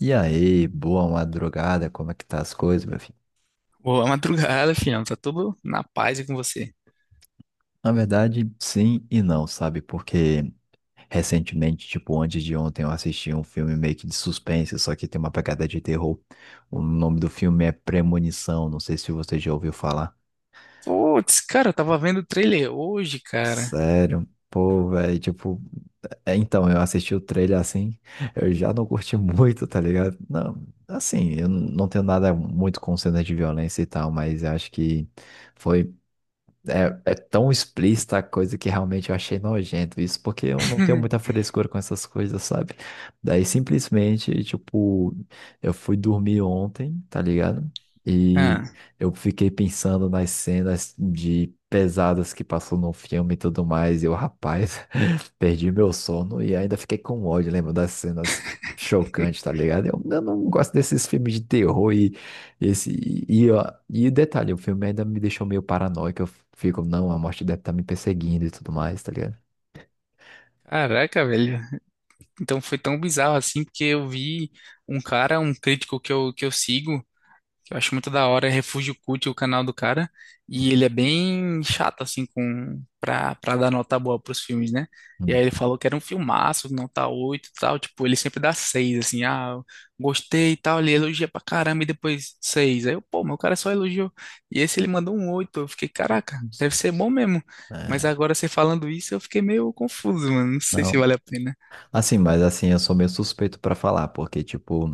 E aí, boa madrugada, como é que tá as coisas, meu filho? Boa madrugada, fião. Tá tudo na paz e com você. Na verdade, sim e não, sabe? Porque recentemente, tipo, antes de ontem, eu assisti um filme meio que de suspense, só que tem uma pegada de terror. O nome do filme é Premonição, não sei se você já ouviu falar. Putz, cara, eu tava vendo o trailer hoje, cara. Sério? Pô, velho, tipo, é, então, eu assisti o trailer assim, eu já não curti muito, tá ligado? Não, assim, eu não tenho nada muito com cenas de violência e tal, mas eu acho que foi. É, é tão explícita a coisa que realmente eu achei nojento isso, porque eu não tenho muita frescura com essas coisas, sabe? Daí simplesmente, tipo, eu fui dormir ontem, tá ligado? E Ah, eu fiquei pensando nas cenas de pesadas que passou no filme e tudo mais, e eu, rapaz, perdi meu sono e ainda fiquei com ódio, lembro das cenas chocantes, tá ligado? Eu não gosto desses filmes de terror e esse, e, ó, e detalhe, o filme ainda me deixou meio paranoico. Eu fico, não, a morte deve estar me perseguindo e tudo mais, tá ligado? caraca, velho. Então foi tão bizarro assim, porque eu vi um cara, um crítico que eu sigo, que eu acho muito da hora, é Refúgio Cult, o canal do cara, e ele é bem chato, assim, com, pra dar nota boa pros filmes, né? E aí Hum. ele falou que era um filmaço, nota 8 e tal, tipo, ele sempre dá 6 assim, eu gostei e tal, ele elogia pra caramba e depois 6. Aí eu, pô, meu cara só elogiou. E esse ele mandou um 8. Eu fiquei, caraca, deve ser bom mesmo. Mas É, agora você falando isso, eu fiquei meio confuso, mano, não sei se não. vale a pena. Assim, mas assim, eu sou meio suspeito pra falar, porque, tipo,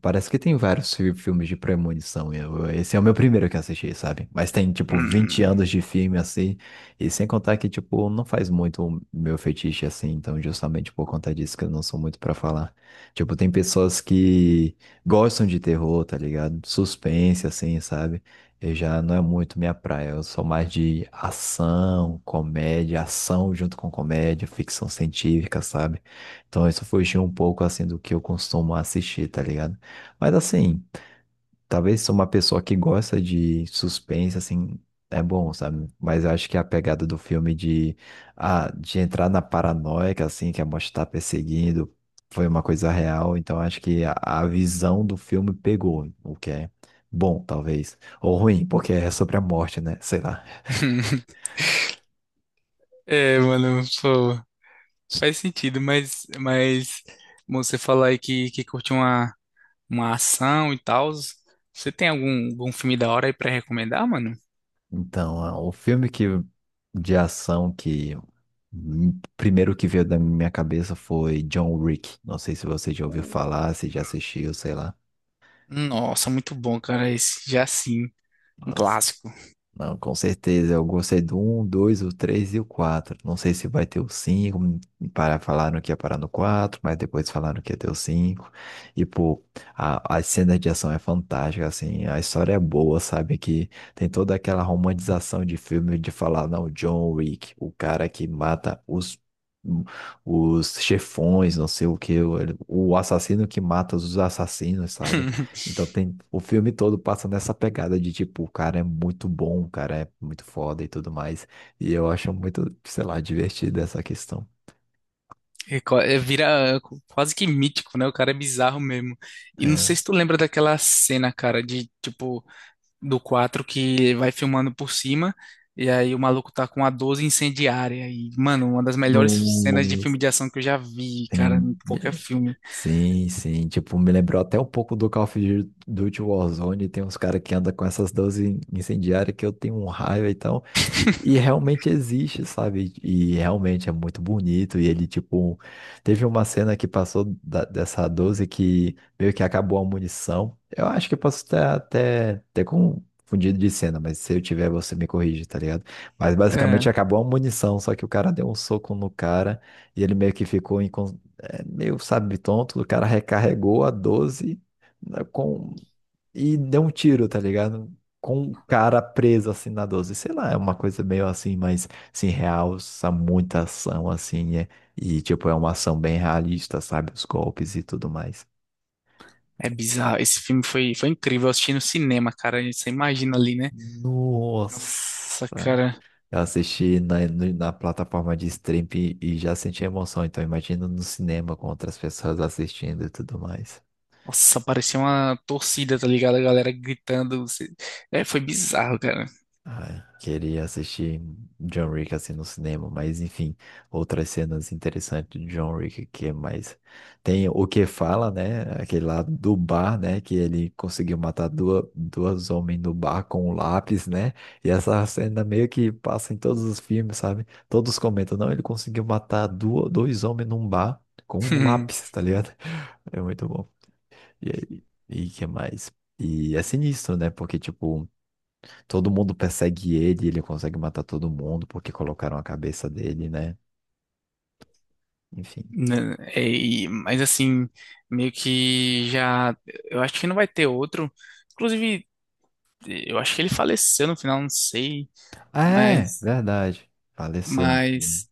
parece que tem vários filmes de premonição. E Eu, esse é o meu primeiro que assisti, sabe? Mas tem, tipo, 20 Hum. anos de filme, assim, e sem contar que, tipo, não faz muito o meu fetiche, assim, então, justamente por conta disso que eu não sou muito pra falar. Tipo, tem pessoas que gostam de terror, tá ligado? Suspense, assim, sabe? Eu já não é muito minha praia, eu sou mais de ação, comédia, ação junto com comédia, ficção científica, sabe? Então isso fugiu um pouco assim do que eu costumo assistir, tá ligado? Mas assim, talvez sou uma pessoa que gosta de suspense, assim, é bom, sabe? Mas eu acho que a pegada do filme de, ah, de entrar na paranoia, que, assim, que a morte tá perseguindo, foi uma coisa real, então acho que a visão do filme pegou, o que é bom, talvez. Ou ruim, porque é sobre a morte, né? Sei lá. É, mano, pô. Faz sentido, mas você falar aí que, que curte uma, ação e tal. Você tem algum filme da hora aí pra recomendar, mano? Então, ah, o filme que, de ação que primeiro que veio da minha cabeça foi John Wick. Não sei se você já ouviu falar, se já assistiu, sei lá. Nossa, muito bom, cara. Esse já sim, um clássico. Não, com certeza. Eu gostei do um, 2, o 3 e o 4. Não sei se vai ter o 5 hum. Para, falaram que ia parar no 4, mas depois falaram que ia ter o 5. E, pô, a cena de ação é fantástica, assim. A história é boa, sabe? Que tem toda aquela romantização de filme de falar, não, John Wick, o cara que mata os. Os chefões, não sei o que, o assassino que mata os assassinos, sabe? Então tem o filme todo passa nessa pegada de tipo, o cara é muito bom, o cara é muito foda e tudo mais. E eu acho muito, sei lá, divertida essa questão. Vira quase que mítico, né? O cara é bizarro mesmo. E não É, sei se tu lembra daquela cena, cara, de tipo, do 4 que vai filmando por cima. E aí o maluco tá com a 12 incendiária. E, mano, uma das melhores cenas de no, filme de ação que eu já vi, cara, tem- em qualquer filme. Sim, sim. Tipo, me lembrou até um pouco do Call of Duty Warzone. Tem uns caras que andam com essas 12 incendiárias que eu tenho um raio e tal. E realmente existe, sabe? E realmente é muito bonito. E ele, tipo, teve uma cena que passou dessa 12 que meio que acabou a munição. Eu acho que eu posso ter até ter confundido de cena, mas se eu tiver, você me corrige, tá ligado? Mas basicamente É, acabou a munição, só que o cara deu um soco no cara e ele meio que ficou é meio, sabe, tonto. O cara recarregou a doze, né, com... e deu um tiro, tá ligado? Com o cara preso assim na doze. Sei lá, é uma coisa meio assim, mas assim, realça muita ação, assim, é... e tipo, é uma ação bem realista, sabe? Os golpes e tudo mais. é bizarro. Esse filme foi incrível. Eu assisti no cinema, cara. Você imagina ali, né? Nossa! Nossa, cara. Eu assisti na, na plataforma de stream e já senti emoção, então imagina no cinema com outras pessoas assistindo e tudo mais. Nossa, parecia uma torcida, tá ligado? A galera gritando. É, foi bizarro, cara. Ai, queria assistir John Wick assim no cinema, mas enfim, outras cenas interessantes de John Wick que é mais tem o que fala, né? Aquele lá do bar, né? Que ele conseguiu matar duas homens no bar com um lápis, né? E essa cena meio que passa em todos os filmes, sabe? Todos comentam, não, ele conseguiu matar dois homens num bar com um lápis, tá ligado? É muito bom. E, e que mais? E é sinistro, né? Porque, tipo, todo mundo persegue ele, ele consegue matar todo mundo porque colocaram a cabeça dele, né? Enfim. Né, é, mas assim, meio que já. Eu acho que não vai ter outro. Inclusive, eu acho que ele faleceu no final, não sei, Ah, é, mas, verdade. Faleceu. mas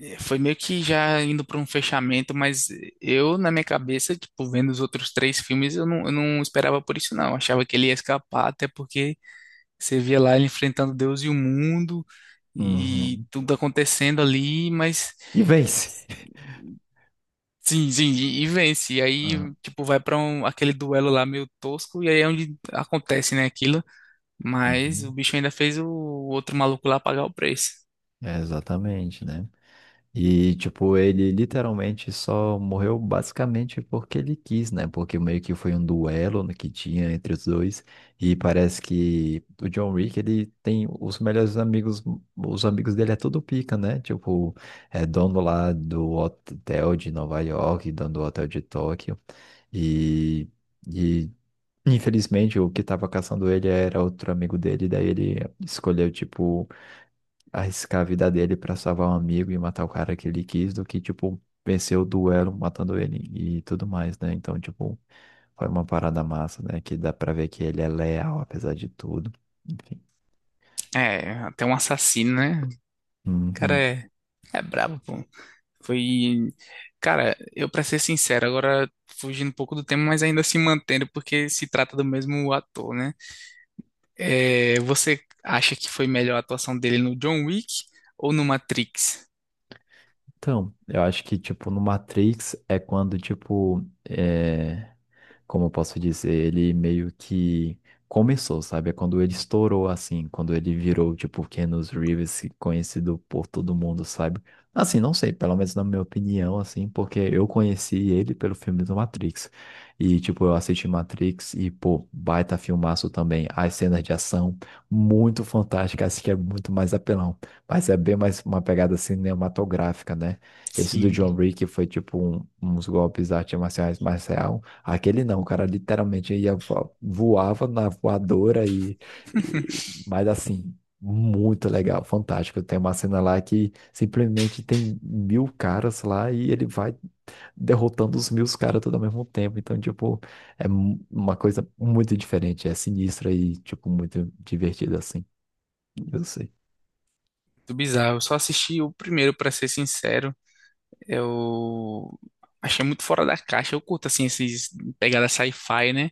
eh, foi meio que já indo para um fechamento, mas eu, na minha cabeça, tipo, vendo os outros três filmes, eu não esperava por isso, não. Eu achava que ele ia escapar, até porque você via lá ele enfrentando Deus e o mundo e Uhum. tudo acontecendo ali, mas E vence. sim, sim, e vence. E Ah, aí, tipo, vai para um, aquele duelo lá meio tosco, e aí é onde acontece, né, aquilo. Mas o uhum. bicho ainda fez o outro maluco lá pagar o preço. É, exatamente, né? E, tipo, ele literalmente só morreu basicamente porque ele quis, né? Porque meio que foi um duelo no que tinha entre os dois. E parece que o John Wick, ele tem os melhores amigos, os amigos dele é tudo pica, né? Tipo, é dono lá do hotel de Nova York, dono do hotel de Tóquio. E, e infelizmente, o que tava caçando ele era outro amigo dele, daí ele escolheu, tipo, arriscar a vida dele pra salvar um amigo e matar o cara que ele quis do que, tipo, vencer o duelo matando ele e tudo mais, né? Então, tipo, foi uma parada massa, né? Que dá pra ver que ele é leal, apesar de tudo. Enfim. É, até um assassino, né? O cara Uhum. é brabo, pô. Foi. Cara, eu pra ser sincero, agora fugindo um pouco do tema, mas ainda se mantendo, porque se trata do mesmo ator, né? É, você acha que foi melhor a atuação dele no John Wick ou no Matrix? Então, eu acho que, tipo, no Matrix é quando, tipo, é... como eu posso dizer, ele meio que começou, sabe? É quando ele estourou, assim, quando ele virou, tipo, Keanu Reeves, conhecido por todo mundo, sabe? Assim, não sei, pelo menos na minha opinião, assim, porque eu conheci ele pelo filme do Matrix. E, tipo, eu assisti Matrix e, pô, baita filmaço também. As cenas de ação, muito fantásticas, acho que é muito mais apelão. Mas é bem mais uma pegada cinematográfica, né? Esse do John Sim. Wick foi tipo uns golpes de artes marciais mais real. Aquele não, o cara literalmente ia voava na voadora e- mas assim, muito legal, fantástico. Tem uma cena lá que simplesmente tem mil caras lá e ele vai derrotando os mil caras tudo ao mesmo tempo. Então, tipo, é uma coisa muito diferente, é sinistra e tipo muito divertida assim. Eu sei. Muito bizarro. Eu só assisti o primeiro, pra ser sincero. Eu achei muito fora da caixa. Eu curto, assim, esses pegada sci-fi, né?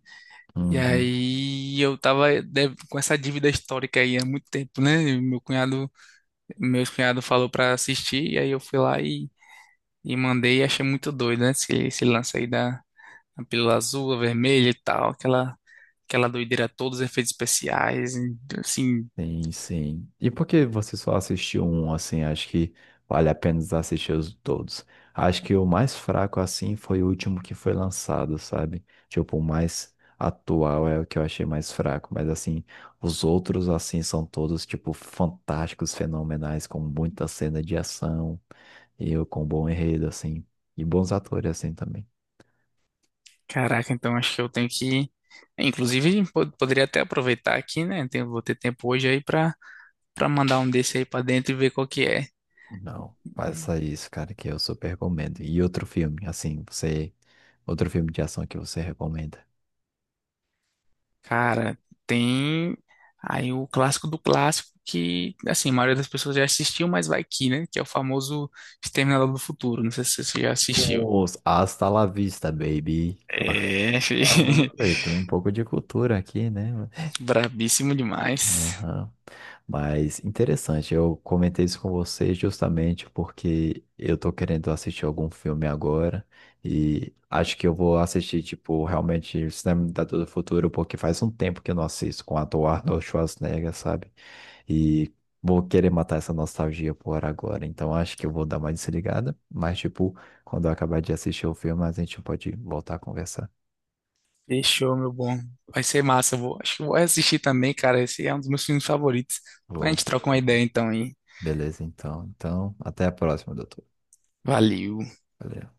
E Uhum. aí eu tava com essa dívida histórica aí há muito tempo, né? E meu cunhado, meus cunhado falou pra assistir, e aí eu fui lá e mandei e achei muito doido, né? Esse lance aí da pílula azul, a vermelha e tal, aquela doideira, todos os efeitos especiais, e, assim, Sim, sim. E por que você só assistiu um, assim? Acho que vale a pena assistir os todos. Acho que o mais fraco, assim, foi o último que foi lançado, sabe? Tipo, o mais atual é o que eu achei mais fraco. Mas, assim, os outros, assim, são todos, tipo, fantásticos, fenomenais, com muita cena de ação e com bom enredo, assim. E bons atores, assim, também. caraca, então acho que eu tenho que. Inclusive, poderia até aproveitar aqui, né? Vou ter tempo hoje aí pra, pra mandar um desse aí pra dentro e ver qual que é. Não, faça isso, cara, que eu super recomendo. E outro filme, assim, você... Outro filme de ação que você recomenda? Cara, tem aí o clássico do clássico que, assim, a maioria das pessoas já assistiu, mas vai que, né? Que é o famoso Exterminador do Futuro. Não sei se você já assistiu. Nossa, hasta la vista, baby. É, Por favor, fi. eu tenho um pouco de cultura aqui, né? Brabíssimo demais. Aham. Mas interessante, eu comentei isso com você justamente porque eu tô querendo assistir algum filme agora e acho que eu vou assistir, tipo, realmente Cinema da do Futuro, porque faz um tempo que eu não assisto com o ator Arnold Schwarzenegger, sabe? E vou querer matar essa nostalgia por agora. Então acho que eu vou dar uma desligada. Mas, tipo, quando eu acabar de assistir o filme, a gente pode voltar a conversar. Fechou, meu bom. Vai ser massa. Acho que eu vou assistir também, cara. Esse é um dos meus filmes favoritos. A Vou. gente troca uma ideia então, hein? Beleza, então. Então, até a próxima, doutor. Valeu. Valeu.